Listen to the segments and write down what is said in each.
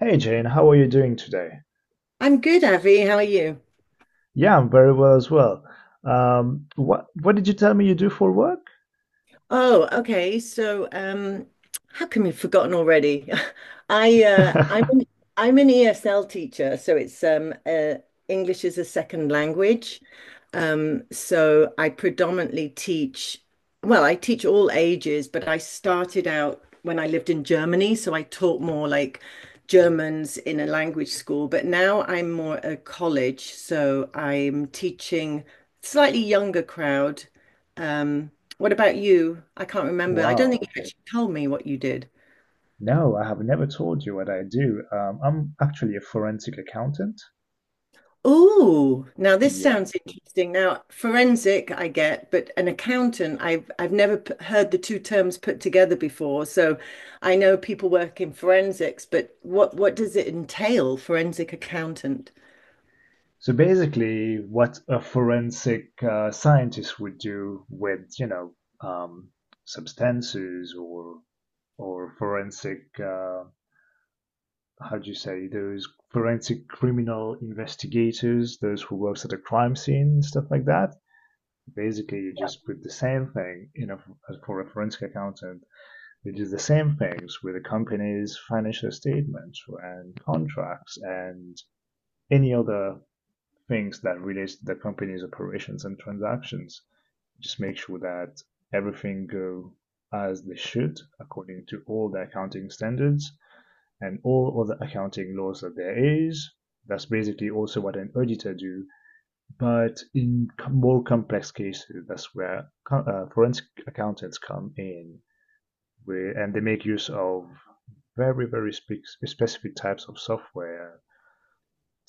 Hey Jane, how are you doing today? I'm good, Avi. How are you? Yeah, I'm very well as well. What did you tell me you do for work? Oh, okay. How come you've forgotten already? I uh, I'm an, I'm an ESL teacher, so it's English as a second language. So I predominantly teach. Well, I teach all ages, but I started out when I lived in Germany, so I taught more like Germans in a language school. But now I'm more a college, so I'm teaching slightly younger crowd. Um, what about you? I can't remember. I don't think Wow. you actually told me what you did. No, I have never told you what I do. I'm actually a forensic accountant. Oh, now this Yeah. sounds interesting. Now, forensic, I get, but an accountant, I've never p heard the two terms put together before. So I know people work in forensics, but what does it entail, forensic accountant? So basically, what a forensic scientist would do with, um, substances or forensic how do you say, those forensic criminal investigators, those who works at a crime scene and stuff like that. Basically, you just put the same thing. For a forensic accountant, you do the same things with a company's financial statements and contracts and any other things that relates to the company's operations and transactions. Just make sure that everything go as they should according to all the accounting standards and all other accounting laws that there is. That's basically also what an auditor do. But in more complex cases, that's where forensic accountants come in, and they make use of very, very specific types of software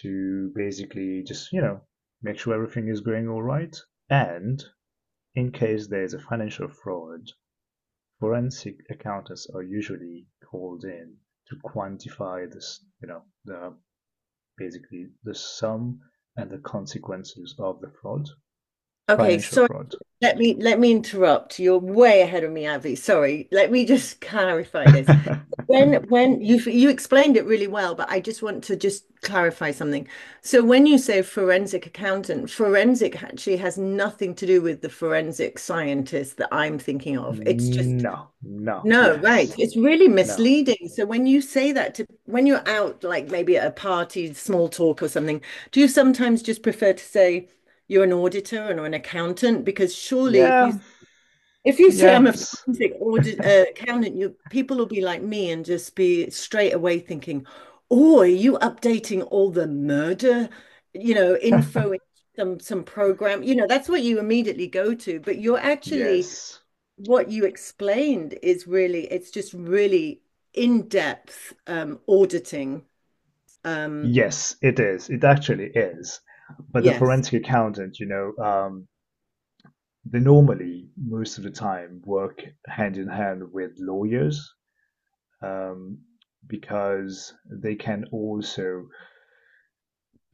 to basically just, make sure everything is going all right. And in case there's a financial fraud, forensic accountants are usually called in to quantify this, you know, the basically the sum and the consequences of the fraud, Okay, financial sorry, fraud. let me interrupt. You're way ahead of me, Avi. Sorry. Let me just clarify this. When when you you explained it really well, but I just want to just clarify something. So when you say forensic accountant, forensic actually has nothing to do with the forensic scientist that I'm thinking of. It's just No, no, no, yes, right. It's really no. misleading. So when you say that to when you're out like maybe at a party, small talk or something, do you sometimes just prefer to say you're an auditor and or an accountant? Because surely if you Yeah, if you say I'm a yes, forensic audit accountant, you people will be like me and just be straight away thinking, "Oh, are you updating all the murder, you know, info in some program?" You know, that's what you immediately go to. But you're actually yes, what you explained is really it's just really in-depth auditing. Um, yes, it is. It actually is. But the yes, forensic accountant, they normally, most of the time, work hand in hand with lawyers, um, because they can also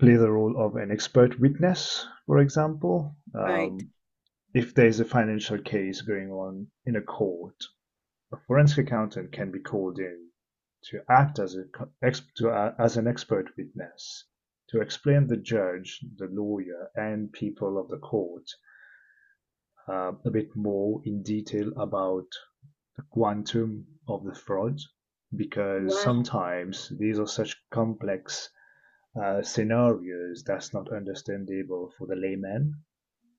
play the role of an expert witness, for example, right. If there's a financial case going on in a court, a forensic accountant can be called in to act as an expert witness to explain the judge, the lawyer, and people of the court, a bit more in detail about the quantum of the fraud, because Wow. sometimes these are such complex scenarios that's not understandable for the layman.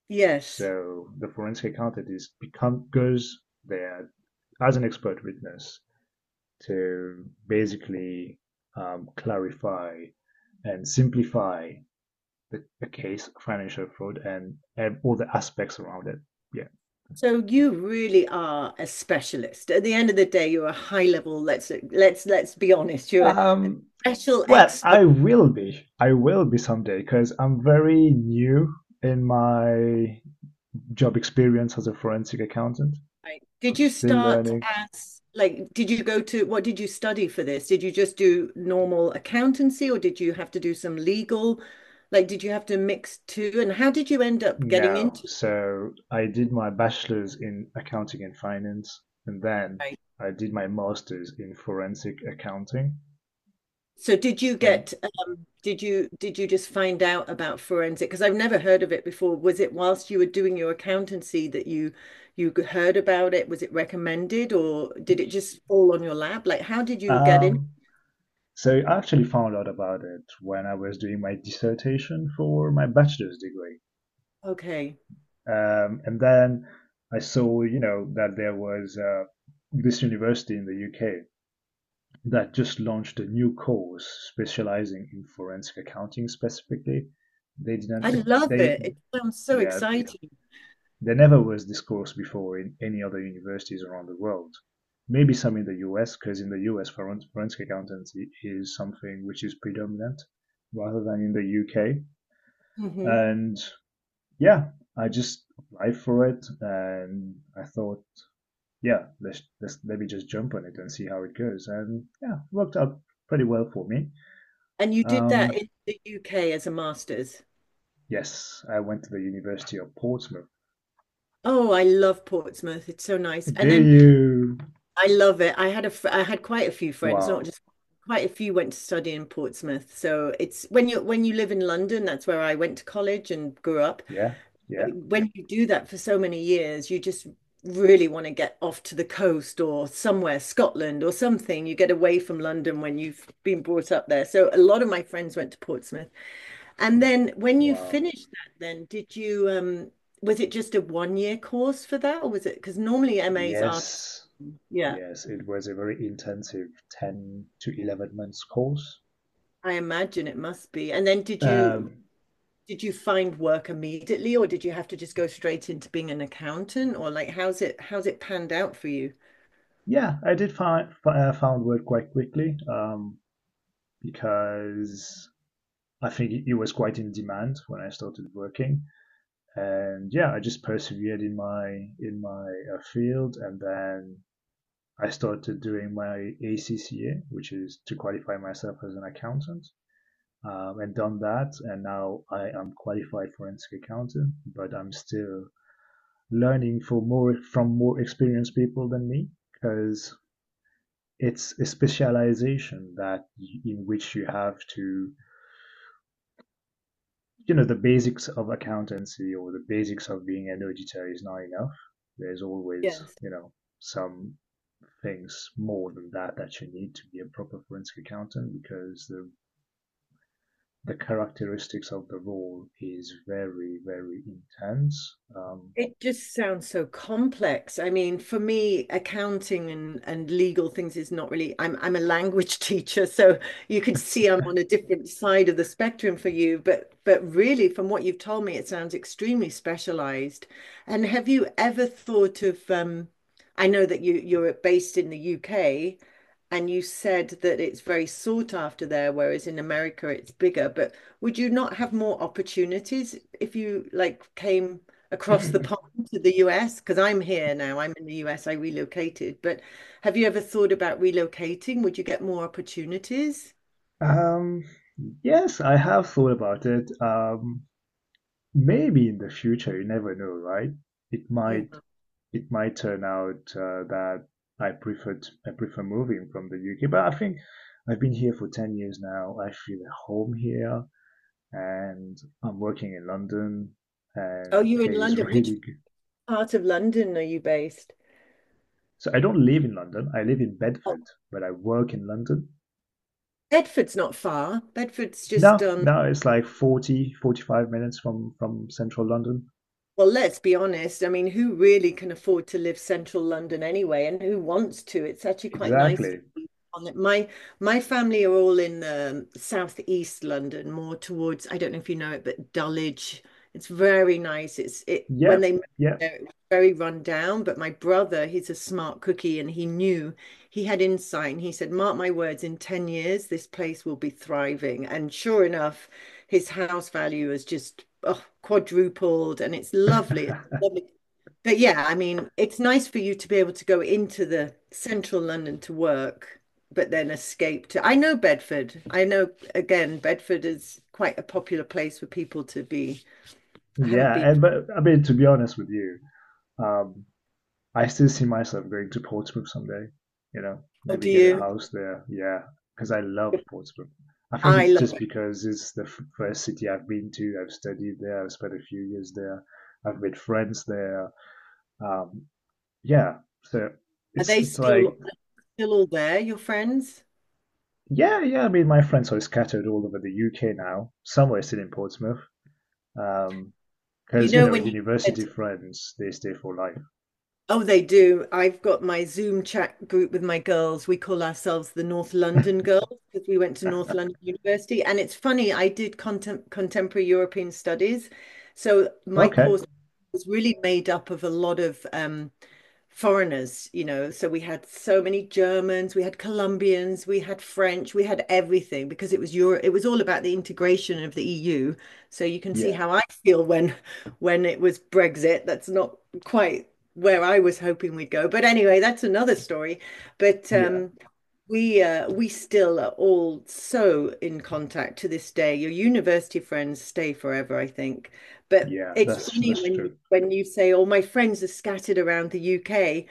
Yes. So the forensic accountant is become goes there as an expert witness to basically clarify and simplify the case of financial fraud and all the aspects around it. Yeah. So you really are a specialist. At the end of the day, you're a high level, let's be honest, you're a Um, special well, expert. I will be. I will be someday because I'm very new in my job experience as a forensic accountant. Right? Did I'm you still start learning. as like did you go to what did you study for this? Did you just do normal accountancy or did you have to do some legal? Like did you have to mix two? And how did you end up getting No. into it? So I did my bachelor's in accounting and finance, and then Right. I did my master's in forensic accounting. So did you And get did you just find out about forensic? Because I've never heard of it before. Was it whilst you were doing your accountancy that you heard about it? Was it recommended or did it just fall on your lap? Like, how did you get in? um, so I actually found out about it when I was doing my dissertation for my bachelor's degree. Okay. And then I saw, that there was this university in the UK that just launched a new course specializing in forensic accounting specifically. They I didn't, love they, it. It sounds so Yeah, exciting. there never was this course before in any other universities around the world. Maybe some in the US, because in the US, forensic accountancy is something which is predominant rather than in the UK. Hmm. And yeah, I just applied for it and I thought, yeah, let me just jump on it and see how it goes. And yeah, it worked out pretty well for me. And you did that Um, in the UK as a master's. Yes, I went to the University of Portsmouth. Oh, I love Portsmouth. It's so nice. And Did then you? I love it. I had a I had quite a few friends, not Wow. just quite a few went to study in Portsmouth. So it's when you live in London, that's where I went to college and grew up. Yeah, But yeah. when you do that for so many years, you just really want to get off to the coast or somewhere, Scotland or something. You get away from London when you've been brought up there. So a lot of my friends went to Portsmouth. And then when you Wow. finished that, then did you was it just a one year course for that or was it because normally MAs are just Yes, yeah, yes. It was a very intensive 10 to 11 months course. I imagine it must be. And then did you Um, did you find work immediately or did you have to just go straight into being an accountant or like how's it panned out for you? yeah, I did find found work quite quickly, because I think it was quite in demand when I started working. And yeah, I just persevered in my field, and then I started doing my ACCA, which is to qualify myself as an accountant, and done that. And now I am qualified forensic accountant, but I'm still learning for more from more experienced people than me, because it's a specialization that in which you have to you know the basics of accountancy or the basics of being an auditor is not enough. There's always Yes. Some things more than that that you need to be a proper forensic accountant, because the characteristics of the role is very very intense. It just sounds so complex. I mean, for me, accounting and legal things is not really, I'm a language teacher, so you could see I'm on a different side of the spectrum for you, but really from what you've told me, it sounds extremely specialized. And have you ever thought of I know that you're based in the UK and you said that it's very sought after there, whereas in America it's bigger, but would you not have more opportunities if you like came across the pond to the US? Because I'm here now, I'm in the US, I relocated. But have you ever thought about relocating? Would you get more opportunities? um, yes, I have thought about it. Maybe in the future, you never know, right? It might Yeah. Turn out that I prefer I prefer moving from the UK, but I think I've been here for 10 years now. I feel at home here. And I'm working in London Oh, and the you're in pay is London. Which really good. part of London are you based? So I don't live in London. I live in Oh, Bedford, but I work in London. Bedford's not far. Bedford's just Now, on now it's like 45 minutes from central London. well, let's be honest. I mean, who really can afford to live central London anyway, and who wants to? It's actually quite nice to Exactly. be on it. My family are all in southeast London, more towards, I don't know if you know it, but Dulwich. It's very nice. It's it when they Yep. moved Yep. there, it was very run down, but my brother, he's a smart cookie, and he knew he had insight and he said, Mark my words, in 10 years, this place will be thriving. And sure enough, his house value has just oh, quadrupled and it's lovely. It's lovely. But yeah, I mean, it's nice for you to be able to go into the central London to work, but then escape to. I know Bedford. I know, again, Bedford is quite a popular place for people to be. I haven't Yeah. been. But I mean, to be honest with you, um, I still see myself going to Portsmouth someday. You know, Oh, do maybe get a you? house there. Yeah, because I love Portsmouth. I think I it's love just it. because it's the first city I've been to. I've studied there. I've spent a few years there. I've made friends there. Um, yeah, so Are it's they it's like, still all there, your friends? yeah, yeah. I mean, my friends are scattered all over the UK now. Some are still in Portsmouth. Um, You because you know, know, when you said university friends they stay for life. oh, they do. I've got my Zoom chat group with my girls. We call ourselves the North London Girls because we went to North London University. And it's funny, I did contemporary European studies. So my Okay. course was really made up of a lot of foreigners, you know. So we had so many Germans, we had Colombians, we had French, we had everything because it was Europe, it was all about the integration of the EU. So you can see Yeah, how I feel when it was Brexit. That's not quite where I was hoping we'd go. But anyway, that's another story. But yeah, We still are all so in contact to this day. Your university friends stay forever, I think. But yeah. it's That's funny that's true. When you say, "Oh, my friends are scattered around the UK."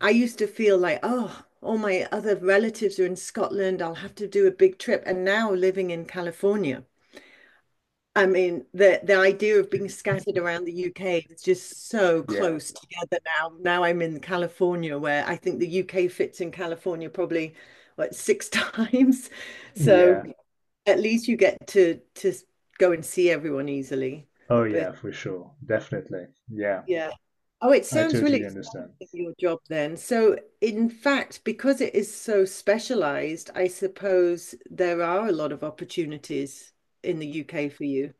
I used to feel like, "Oh, all my other relatives are in Scotland. I'll have to do a big trip." And now living in California. I mean, the idea of being scattered around the UK is just so Yeah, close together now. Now I'm in California, where I think the UK fits in California probably what six times. So yeah. at least you get to go and see everyone easily. Oh, yeah, But for sure. Definitely. Yeah, yeah. Oh, it I sounds totally really exciting, understand. your job then. So in fact, because it is so specialized, I suppose there are a lot of opportunities in the UK for you.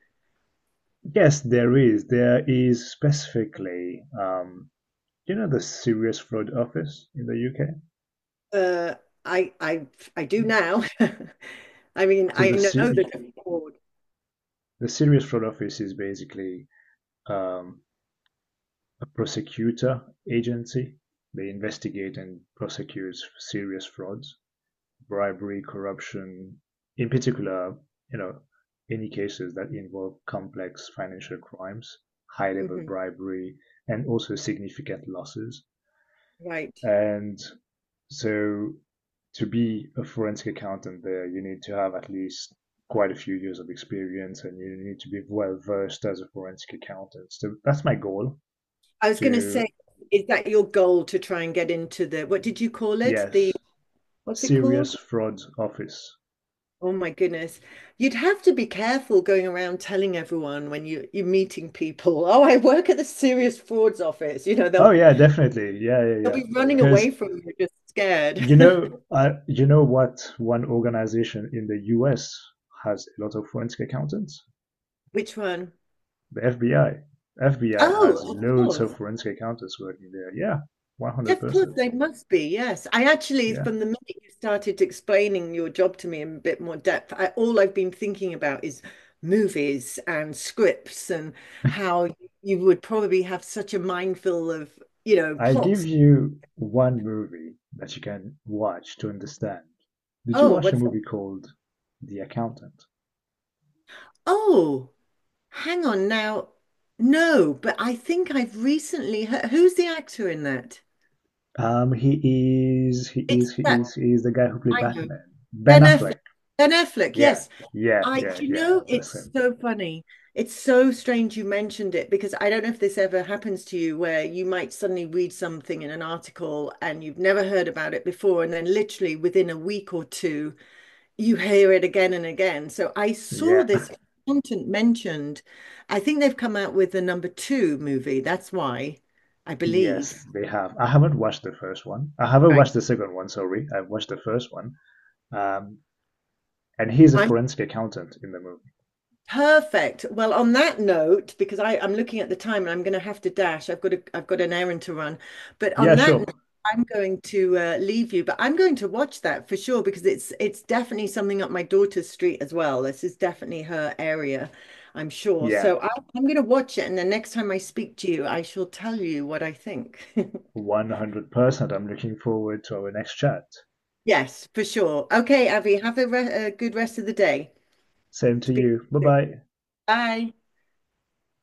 Yes, there is. There is specifically, the Serious Fraud Office in the Uh, I I I do UK? now. I mean, So I the know that I the Serious Fraud Office is basically um, a prosecutor agency. They investigate and prosecute serious frauds, bribery, corruption, in particular, you know, any cases that involve complex financial crimes, high level mhm, bribery, and also significant losses. right. And so to be a forensic accountant there, you need to have at least quite a few years of experience and you need to be well versed as a forensic accountant. So that's my goal I was going to say, to, is that your goal to try and get into the, what did you call it? The, yes, what's it Serious called? Fraud Office. Oh my goodness. You'd have to be careful going around telling everyone when you, you're meeting people, oh, I work at the Serious Frauds Office. You know, Oh, yeah, definitely. Yeah, yeah, they'll yeah. be running away Because from you just scared. You know, I, you know what one organization in the US has a lot of forensic accountants? Which one? The FBI. FBI Oh, has of loads of course. forensic accountants working there. Yeah, Of course, 100%. they must be, yes. I actually, Yeah. from the minute you started explaining your job to me in a bit more depth, I, all I've been thinking about is movies and scripts and how you would probably have such a mindful of, you know, I give plots. you one movie that you can watch to understand. Did you Oh, watch a what's that? movie called The Accountant? Oh, hang on now. No, but I think I've recently heard, who's the actor in that? He is, he It's is, he that, is, he is the guy who played I know. Batman. Ben Ben Affleck. Affleck. Ben Affleck, Yeah, yes. yeah, I, yeah, you yeah. know, That's it's him. so funny. It's so strange you mentioned it because I don't know if this ever happens to you where you might suddenly read something in an article and you've never heard about it before, and then literally within a week or two, you hear it again and again. So I saw Yeah. this content mentioned. I think they've come out with the number two movie. That's why I believe. Yes, they have. I haven't watched the first one. I haven't Right. watched the second one, sorry. I've watched the first one. Um, and he's a I'm forensic accountant in the movie. perfect. Well, on that note, because I, I'm looking at the time and I'm going to have to dash. I've got a, I've got an errand to run. But on Yeah, that note, sure. I'm going to leave you. But I'm going to watch that for sure because it's definitely something up my daughter's street as well. This is definitely her area, I'm sure. Yeah, So I, I'm going to watch it, and the next time I speak to you, I shall tell you what I think. 100%. I'm looking forward to our next chat. Yes, for sure. Okay, Avi, have a, re a good rest of the day. Same to Speak to you. Bye you soon. bye. Bye.